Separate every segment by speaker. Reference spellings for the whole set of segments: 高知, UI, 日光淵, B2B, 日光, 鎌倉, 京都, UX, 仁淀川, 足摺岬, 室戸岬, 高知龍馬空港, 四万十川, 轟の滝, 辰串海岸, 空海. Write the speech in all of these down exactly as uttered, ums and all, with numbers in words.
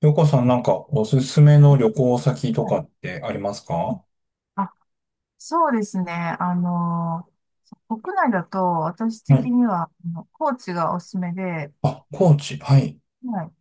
Speaker 1: ようこさん、なんかおすすめの旅行先と
Speaker 2: は
Speaker 1: か
Speaker 2: い
Speaker 1: ってありますか？は
Speaker 2: あ、そうですね。あの、国内だと私的に
Speaker 1: い。
Speaker 2: は、あの高知がおすすめで、
Speaker 1: あ、高知。はい。
Speaker 2: はい。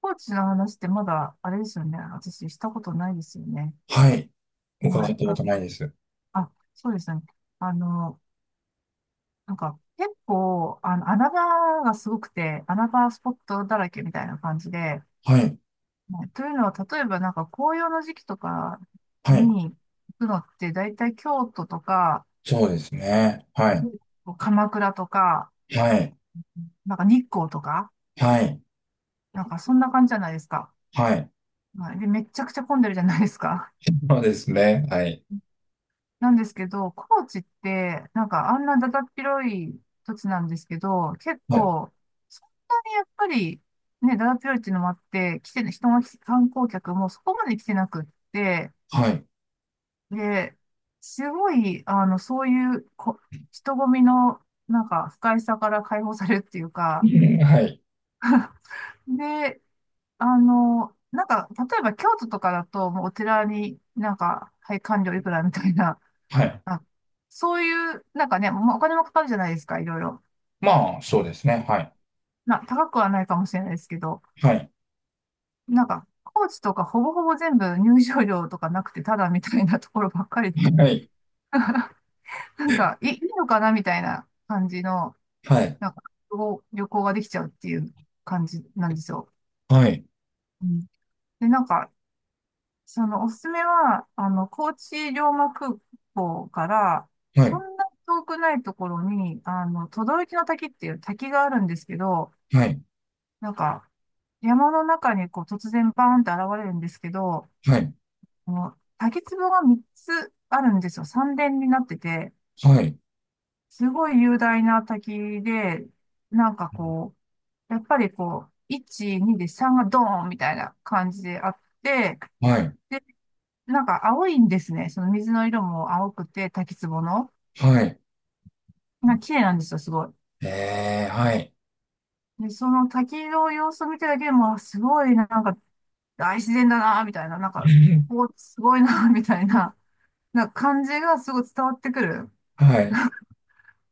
Speaker 2: 高知の話ってまだ、あれですよね。私したことないですよね。
Speaker 1: はい。伺っ
Speaker 2: はい。
Speaker 1: たこ
Speaker 2: あ、
Speaker 1: とないです。
Speaker 2: あ、そうですね。あの、なんか結構、あの、穴場がすごくて、穴場スポットだらけみたいな感じで、
Speaker 1: はい。
Speaker 2: はいというのは、例えばなんか紅葉の時期とか
Speaker 1: はい。
Speaker 2: に行くのって、だいたい京都とか、
Speaker 1: そうですね。はい。
Speaker 2: 鎌倉とか、
Speaker 1: はい。
Speaker 2: なんか日光とか、
Speaker 1: はい。
Speaker 2: なんかそんな感じじゃないですか。
Speaker 1: はい。
Speaker 2: はい。で、めちゃくちゃ混んでるじゃないですか。
Speaker 1: そうですね。はい。
Speaker 2: なんですけど、高知って、なんかあんなだだっ広い土地なんですけど、結
Speaker 1: はい。
Speaker 2: 構、そんなにやっぱり、ね、だだっ広いっていうのもあって、来てる人が来て、観光客もそこまで来てなくって、
Speaker 1: はい。
Speaker 2: で、すごい、あの、そういうこ、人混みの、なんか、不快さから解放されるっていう か、
Speaker 1: んはい。
Speaker 2: で、あの、なんか、例えば京都とかだと、もうお寺になんか、はい、官料いくらみたいな、
Speaker 1: はい。
Speaker 2: あ、そういう、なんかね、もうお金もかかるじゃないですか、いろいろ。
Speaker 1: まあ、そうですね。はい。
Speaker 2: まあ、高くはないかもしれないですけど、
Speaker 1: はい。
Speaker 2: なんか、高知とかほぼほぼ全部入場料とかなくて、ただみたいなところばっかりで、
Speaker 1: はい。
Speaker 2: なんか、いいいのかなみたいな感じの、
Speaker 1: はい。
Speaker 2: なんか、旅行旅行ができちゃうっていう感じなんですよ。
Speaker 1: はい。
Speaker 2: うん、で、なんか、そのおすすめは、あの、高知龍馬空港から、
Speaker 1: は
Speaker 2: そ
Speaker 1: い。
Speaker 2: んな遠くないところに、あの、轟の滝っていう滝があるんですけど、
Speaker 1: はい。
Speaker 2: なんか、山の中にこう突然バーンって現れるんですけど、
Speaker 1: はい。
Speaker 2: この滝壺がみっつあるんですよ。三連になってて、
Speaker 1: はい。
Speaker 2: すごい雄大な滝で、なんかこう、やっぱりこう、いち、にでさんがドーンみたいな感じであって、で
Speaker 1: はい。
Speaker 2: なんか青いんですね。その水の色も青くて、滝壺の。
Speaker 1: はい。
Speaker 2: なんか綺麗なんですよ、すごい。
Speaker 1: えー、はい。
Speaker 2: で、その滝の様子を見てるだけでも、あすごい、なんか大自然だな、みたいな、なんか、こう、すごいな、みたいな、なんか感じがすごい伝わってくる。
Speaker 1: はい。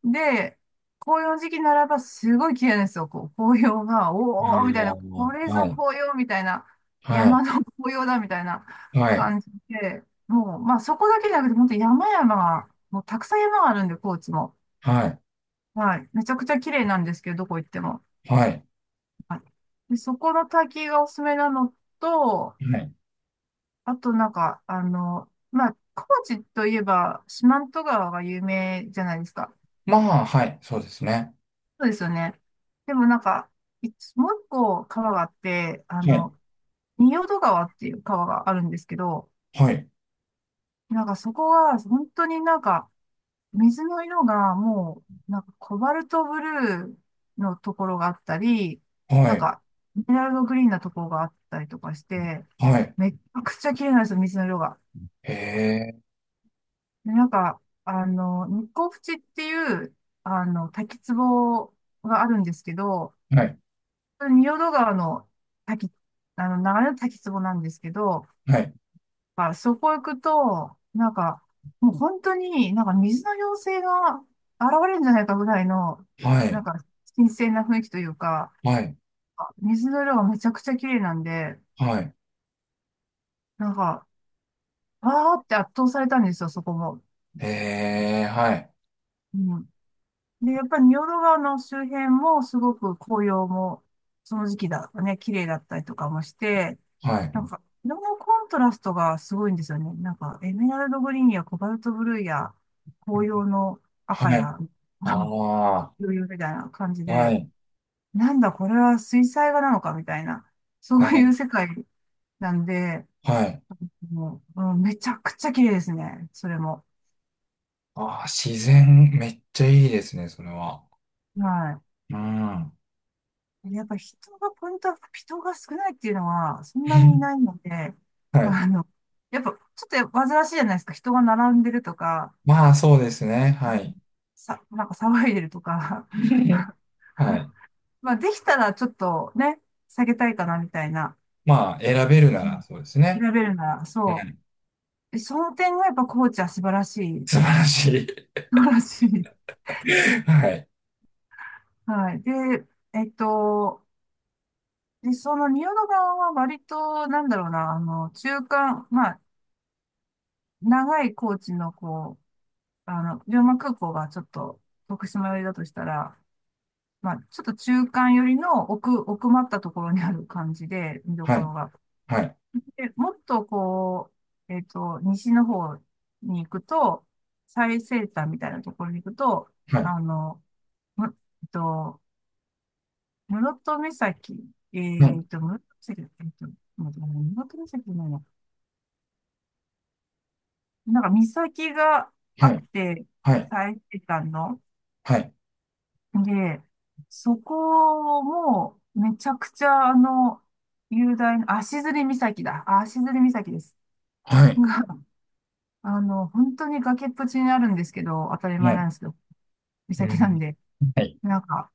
Speaker 2: で、紅葉の時期ならばすごい綺麗なんですよ、こう、紅葉が、
Speaker 1: あ
Speaker 2: おー、みたいな、これ
Speaker 1: ー、は
Speaker 2: ぞ
Speaker 1: い。
Speaker 2: 紅葉、みたいな、
Speaker 1: はい。
Speaker 2: 山の紅葉だ、みたいな
Speaker 1: はい、
Speaker 2: 感じで、もう、まあそこだけじゃなくて、本当山々が、もうたくさん山があるんで、高知も。
Speaker 1: はい、
Speaker 2: はい。めちゃくちゃ綺麗なんですけど、どこ行っても。
Speaker 1: はい、
Speaker 2: で、そこの滝がおすすめなのと、
Speaker 1: はい。
Speaker 2: あとなんか、あの、まあ、高知といえば四万十川が有名じゃないですか。
Speaker 1: まあ、はい、そうですね。
Speaker 2: そうですよね。でもなんか、いつもう一個川があって、あ
Speaker 1: はい、
Speaker 2: の、仁淀川っていう川があるんですけど、
Speaker 1: はい、
Speaker 2: なんかそこが本当になんか、水の色がもう、なんかコバルトブルーのところがあったり、
Speaker 1: は
Speaker 2: なん
Speaker 1: い、
Speaker 2: か、エメラルドグリーンなところがあったりとかして、
Speaker 1: はい。
Speaker 2: めっちゃくちゃ綺麗なんですよ、水の色が。
Speaker 1: へえ、
Speaker 2: で、なんか、あの、日光淵っていう、あの、滝壺があるんですけど、
Speaker 1: はい、
Speaker 2: 仁淀川の滝、あの、流れの滝壺なんですけど、
Speaker 1: はい、
Speaker 2: あ、そこ行くと、なんか、もう本当になんか水の妖精が現れるんじゃないかぐらいの、
Speaker 1: は
Speaker 2: な
Speaker 1: い、
Speaker 2: んか、新鮮な雰囲気というか、
Speaker 1: はい、
Speaker 2: あ水の色がめちゃくちゃ綺麗なんで、
Speaker 1: はい。
Speaker 2: なんか、わーって圧倒されたんですよ、そこも。
Speaker 1: へえ、はい、
Speaker 2: うんで、やっぱり仁淀川の周辺もすごく紅葉も、その時期だとね、綺麗だったりとかもして、
Speaker 1: は
Speaker 2: な
Speaker 1: い、
Speaker 2: んか、色のコントラストがすごいんですよね。なんか、エメラルドグリーンやコバルトブルーや、紅葉の
Speaker 1: は
Speaker 2: 赤
Speaker 1: い。
Speaker 2: や、
Speaker 1: ああ、
Speaker 2: 余裕みたいな感じ
Speaker 1: は
Speaker 2: で、
Speaker 1: い、
Speaker 2: なんだこれは水彩画なのかみたいな、そう
Speaker 1: は
Speaker 2: いう
Speaker 1: い。
Speaker 2: 世界なんで、
Speaker 1: はい。
Speaker 2: もう、うんめちゃくちゃ綺麗ですね、それも。
Speaker 1: ああ、自然、めっちゃいいですね、それは。
Speaker 2: はい。
Speaker 1: うん。
Speaker 2: やっぱ人が、ポイントは人が少ないっていうのは、そんなにいないので、
Speaker 1: は い。
Speaker 2: あの、やっぱ、ちょっと煩わしいじゃないですか。人が並んでるとか、
Speaker 1: まあ、そうですね。
Speaker 2: う
Speaker 1: は
Speaker 2: ん
Speaker 1: い。
Speaker 2: さ、なんか騒いでるとか。
Speaker 1: はい。
Speaker 2: まあ、できたらちょっとね、下げたいかなみたいな。
Speaker 1: まあ、選べるな
Speaker 2: う
Speaker 1: ら、
Speaker 2: ん
Speaker 1: そうですね。
Speaker 2: 選べるなら、
Speaker 1: う
Speaker 2: そう。
Speaker 1: ん。
Speaker 2: でその点がやっぱコーチは素晴らしい。
Speaker 1: 素晴らしい。
Speaker 2: 素晴らしい。
Speaker 1: はい。
Speaker 2: はい。で、えっと、で、その仁淀川は割と、なんだろうな、あの、中間、まあ、長いコーチのこあの、龍馬空港がちょっと徳島寄りだとしたら、まあ、ちょっと中間寄りの奥、奥まったところにある感じで、見ど
Speaker 1: は
Speaker 2: こ
Speaker 1: い。
Speaker 2: ろが。
Speaker 1: はい、
Speaker 2: で、もっとこう、えっと、西の方に行くと、最西端みたいなところに行くと、
Speaker 1: はい、
Speaker 2: あの、む、えっと、室戸岬、
Speaker 1: は
Speaker 2: え
Speaker 1: い、
Speaker 2: っと、室戸岬、えっと、待ってごめん室戸岬じゃないな。なんか岬があ
Speaker 1: は
Speaker 2: っ
Speaker 1: い、
Speaker 2: て、
Speaker 1: はい、
Speaker 2: 最西端の、
Speaker 1: はい、
Speaker 2: で、そこも、めちゃくちゃ、あの、雄大な、足摺岬だ。あ足摺岬です。
Speaker 1: はい、
Speaker 2: が、あの、本当に崖っぷちにあるんですけど、当たり
Speaker 1: は
Speaker 2: 前な
Speaker 1: い、
Speaker 2: んですけど、
Speaker 1: う
Speaker 2: 岬なん
Speaker 1: ん、
Speaker 2: で、
Speaker 1: はい。
Speaker 2: なんか、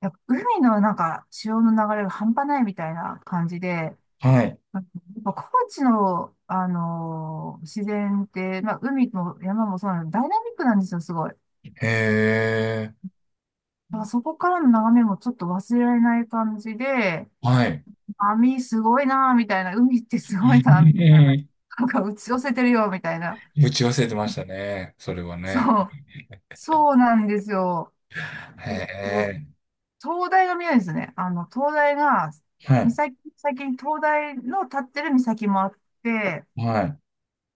Speaker 2: やっぱ海のなんか、潮の流れが半端ないみたいな感じで、
Speaker 1: はい、
Speaker 2: やっぱ高知の、あのー自然って、まあ、海も山もそうなんで、ダイナミックなんですよ、すごい。だ
Speaker 1: へえ、
Speaker 2: からそこからの眺めもちょっと忘れられない感じで、
Speaker 1: はい。
Speaker 2: 網すごいな、みたいな。海ってすごいな、みたいな。
Speaker 1: え
Speaker 2: なんか打ち寄せてるよ、みたいな。
Speaker 1: え、打ち忘れてましたね、それはね。
Speaker 2: そう。そうなんですよ。
Speaker 1: へ
Speaker 2: えっと
Speaker 1: え、
Speaker 2: 灯台が見えるんですね。あの、灯台が、
Speaker 1: はい、
Speaker 2: 岬、先に灯台の立ってる岬もあって、
Speaker 1: はい、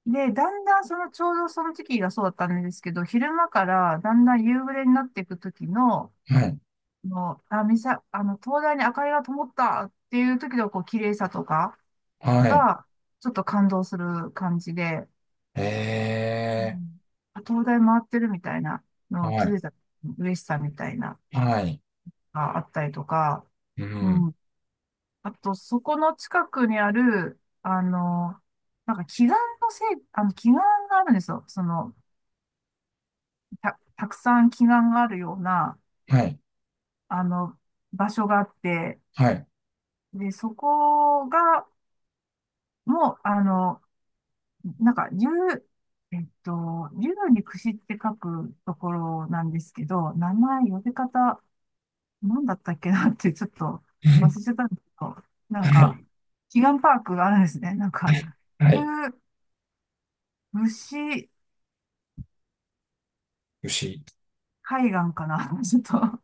Speaker 2: で、だんだんその、ちょうどその時期がそうだったんですけど、昼間からだんだん夕暮れになっていく時の、
Speaker 1: はい、
Speaker 2: の、あ、岬、あの、灯台に明かりが灯ったっていう時の、こう、綺麗さとか
Speaker 1: はい、
Speaker 2: が、ちょっと感動する感じで、
Speaker 1: へ
Speaker 2: う
Speaker 1: え、
Speaker 2: ん、あ東大回ってるみたいなのを
Speaker 1: は
Speaker 2: 気づ
Speaker 1: い、
Speaker 2: いた嬉しさみたいなの
Speaker 1: はい、
Speaker 2: があったりとか、
Speaker 1: う
Speaker 2: うん。
Speaker 1: ん、
Speaker 2: あと、そこの近くにある、あの、なんか祈願のせい、あの、祈願があるんですよ。その、た、たくさん祈願があるような、
Speaker 1: はい、
Speaker 2: あの、場所があって、
Speaker 1: はい、
Speaker 2: で、そこが、もう、あの、なんか、竜、えっと、竜に串って書くところなんですけど、名前、呼び方、なんだったっけなってちょっと忘れちゃっ たんですけど、なん
Speaker 1: は
Speaker 2: か、
Speaker 1: い、
Speaker 2: 祈願パークがあるんですね。なんか、い
Speaker 1: は
Speaker 2: う
Speaker 1: い、
Speaker 2: 牛
Speaker 1: 牛。
Speaker 2: 海岸かな。ちょっと、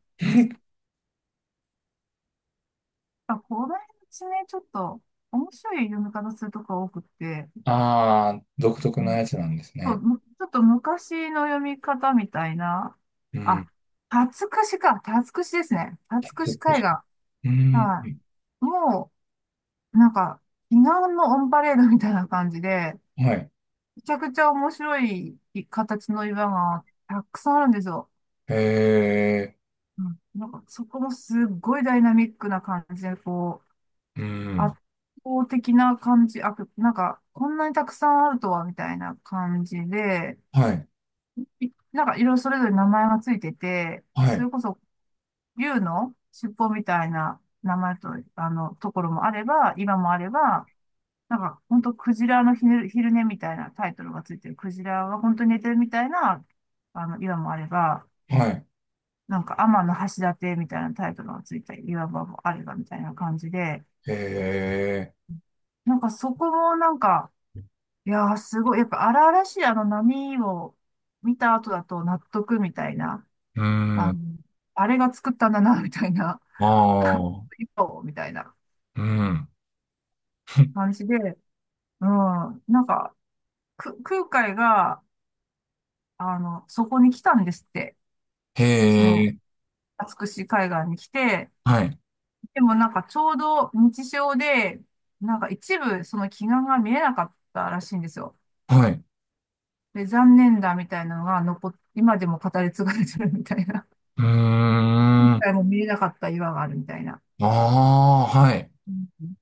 Speaker 2: あ、この地ね、ちょっと面白い読み方するとこが多くて、
Speaker 1: ああ、独特
Speaker 2: う
Speaker 1: な
Speaker 2: ん
Speaker 1: やつなんです
Speaker 2: そう
Speaker 1: ね。
Speaker 2: むちょっと昔の読み方みたいな、
Speaker 1: う
Speaker 2: あ、
Speaker 1: ん、
Speaker 2: 辰串か、辰串ですね。辰
Speaker 1: 鉄
Speaker 2: 串海
Speaker 1: 牛。
Speaker 2: 岸。
Speaker 1: うん、
Speaker 2: はい。もう、なんか、祈願のオンパレードみたいな感じで、
Speaker 1: はい、
Speaker 2: めちゃくちゃ面白い形の岩がたくさんあるんですよ。
Speaker 1: へえ、
Speaker 2: うん、なんかそこもすっごいダイナミックな感じで、こう、
Speaker 1: う
Speaker 2: 圧
Speaker 1: ん。
Speaker 2: 倒的な感じ、あ、なんかこんなにたくさんあるとはみたいな感じで、
Speaker 1: はい、
Speaker 2: いなんかいろいろそれぞれ名前がついてて、
Speaker 1: は
Speaker 2: そ
Speaker 1: い、
Speaker 2: れこそ竜の尻尾みたいな名前と、あの、ところもあれば、岩もあれば、なんか、本当クジラの昼、昼寝みたいなタイトルがついてる。クジラは本当に寝てるみたいな、あの、岩もあれば、
Speaker 1: はい。
Speaker 2: なんか、天の橋立みたいなタイトルがついた岩場もあればみたいな感じで、
Speaker 1: へえ、
Speaker 2: なんかそこもなんか、いやーすごい、やっぱ荒々しいあの波を見た後だと納得みたいな、
Speaker 1: うー
Speaker 2: あ
Speaker 1: ん、
Speaker 2: の、あれが作ったんだな、みたいな、
Speaker 1: ああ、
Speaker 2: 岩をみたいな
Speaker 1: うん。
Speaker 2: 感じで、うん、なんか、く、空海が、あの、そこに来たんですって。
Speaker 1: へ
Speaker 2: その、
Speaker 1: え、
Speaker 2: 美しい海岸に来て、
Speaker 1: はい、
Speaker 2: でもなんかちょうど日照で、なんか一部その奇岩が見えなかったらしいんですよ。
Speaker 1: はい。
Speaker 2: で、残念だみたいなのが残っ、今でも語り継がれてるみたいな。
Speaker 1: うー
Speaker 2: 今
Speaker 1: ん、あ
Speaker 2: 回も見えなかった岩があるみたいな。
Speaker 1: あ、はい。
Speaker 2: うん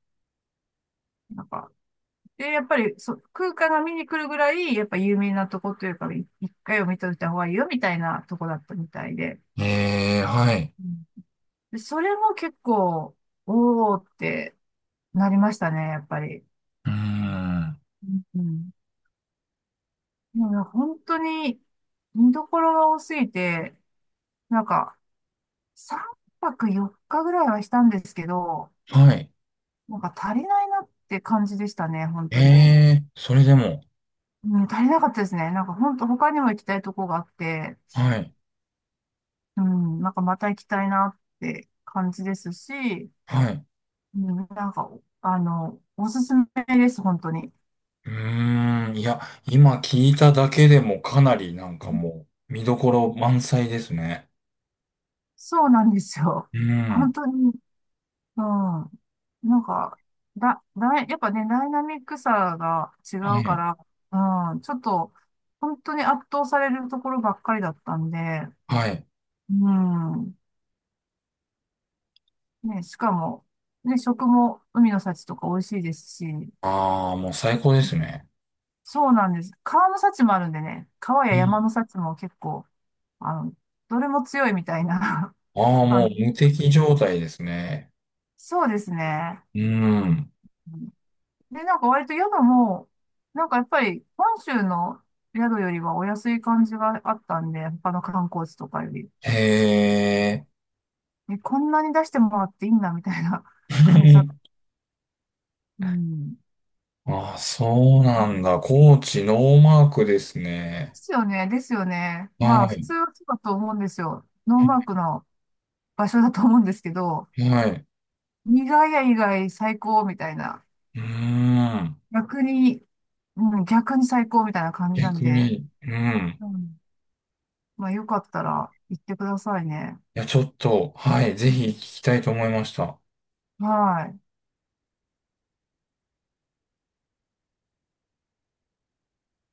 Speaker 2: なんか、で、やっぱりそ、空間が見に来るぐらい、やっぱ有名なとこというか、い一回を見といた方がいいよみたいなとこだったみたいで。
Speaker 1: へえ、はい。
Speaker 2: うんで、それも結構、おーってなりましたね、やっぱり。
Speaker 1: うーん、
Speaker 2: うんいや、本当に見どころが多すぎて、なんかさんぱくよっかぐらいはしたんですけど、
Speaker 1: はい。
Speaker 2: なんか足りないなって感じでしたね、本当に。
Speaker 1: ええ、それでも、
Speaker 2: うん、足りなかったですね。なんか本当他にも行きたいとこがあって、
Speaker 1: はい、
Speaker 2: うん、なんかまた行きたいなって感じですし、
Speaker 1: はい。
Speaker 2: うん、なんか、あの、おすすめです、本当に。
Speaker 1: うーん、いや、今聞いただけでもかなりなんかもう、見どころ満載ですね。
Speaker 2: そうなんですよ。
Speaker 1: う
Speaker 2: 本
Speaker 1: ん、
Speaker 2: 当にうん。なんか、だ、だい、やっぱね、ダイナミックさが違
Speaker 1: は
Speaker 2: うか
Speaker 1: い、
Speaker 2: ら、うん、ちょっと、本当に圧倒されるところばっかりだったんで、
Speaker 1: はい。
Speaker 2: うん。ね、しかも、ね、食も海の幸とか美味しいですし、
Speaker 1: ああ、もう最高ですね。
Speaker 2: そうなんです。川の幸もあるんでね、川
Speaker 1: う
Speaker 2: や山
Speaker 1: ん。
Speaker 2: の幸も結構、あの、どれも強いみたいな
Speaker 1: ああ、も
Speaker 2: 感
Speaker 1: う
Speaker 2: じ
Speaker 1: 無
Speaker 2: なん
Speaker 1: 敵状
Speaker 2: で。
Speaker 1: 態ですね。
Speaker 2: そうですね。
Speaker 1: うん。
Speaker 2: で、なんか割と宿も、なんかやっぱり本州の宿よりはお安い感じがあったんで、他の観光地とかより。
Speaker 1: へえ。
Speaker 2: え、こんなに出してもらっていいんだみたいな 感じだ。うん。で
Speaker 1: ああ、そうなんだ。高知ノーマークですね。
Speaker 2: すよね、ですよね。
Speaker 1: は
Speaker 2: まあ普
Speaker 1: い。
Speaker 2: 通はそうだと思うんですよ。ノーマークの場所だと思うんですけど、
Speaker 1: はい。
Speaker 2: 意外や意外最高みたいな。
Speaker 1: うーん。
Speaker 2: 逆に、うん、逆に最高みたいな感じなん
Speaker 1: 逆
Speaker 2: で、
Speaker 1: に、うん。
Speaker 2: うん、まあよかったら行ってくださいね。
Speaker 1: いや、ちょっと、はい。ぜ
Speaker 2: う
Speaker 1: ひ聞
Speaker 2: ん
Speaker 1: きたいと思いました。
Speaker 2: はい。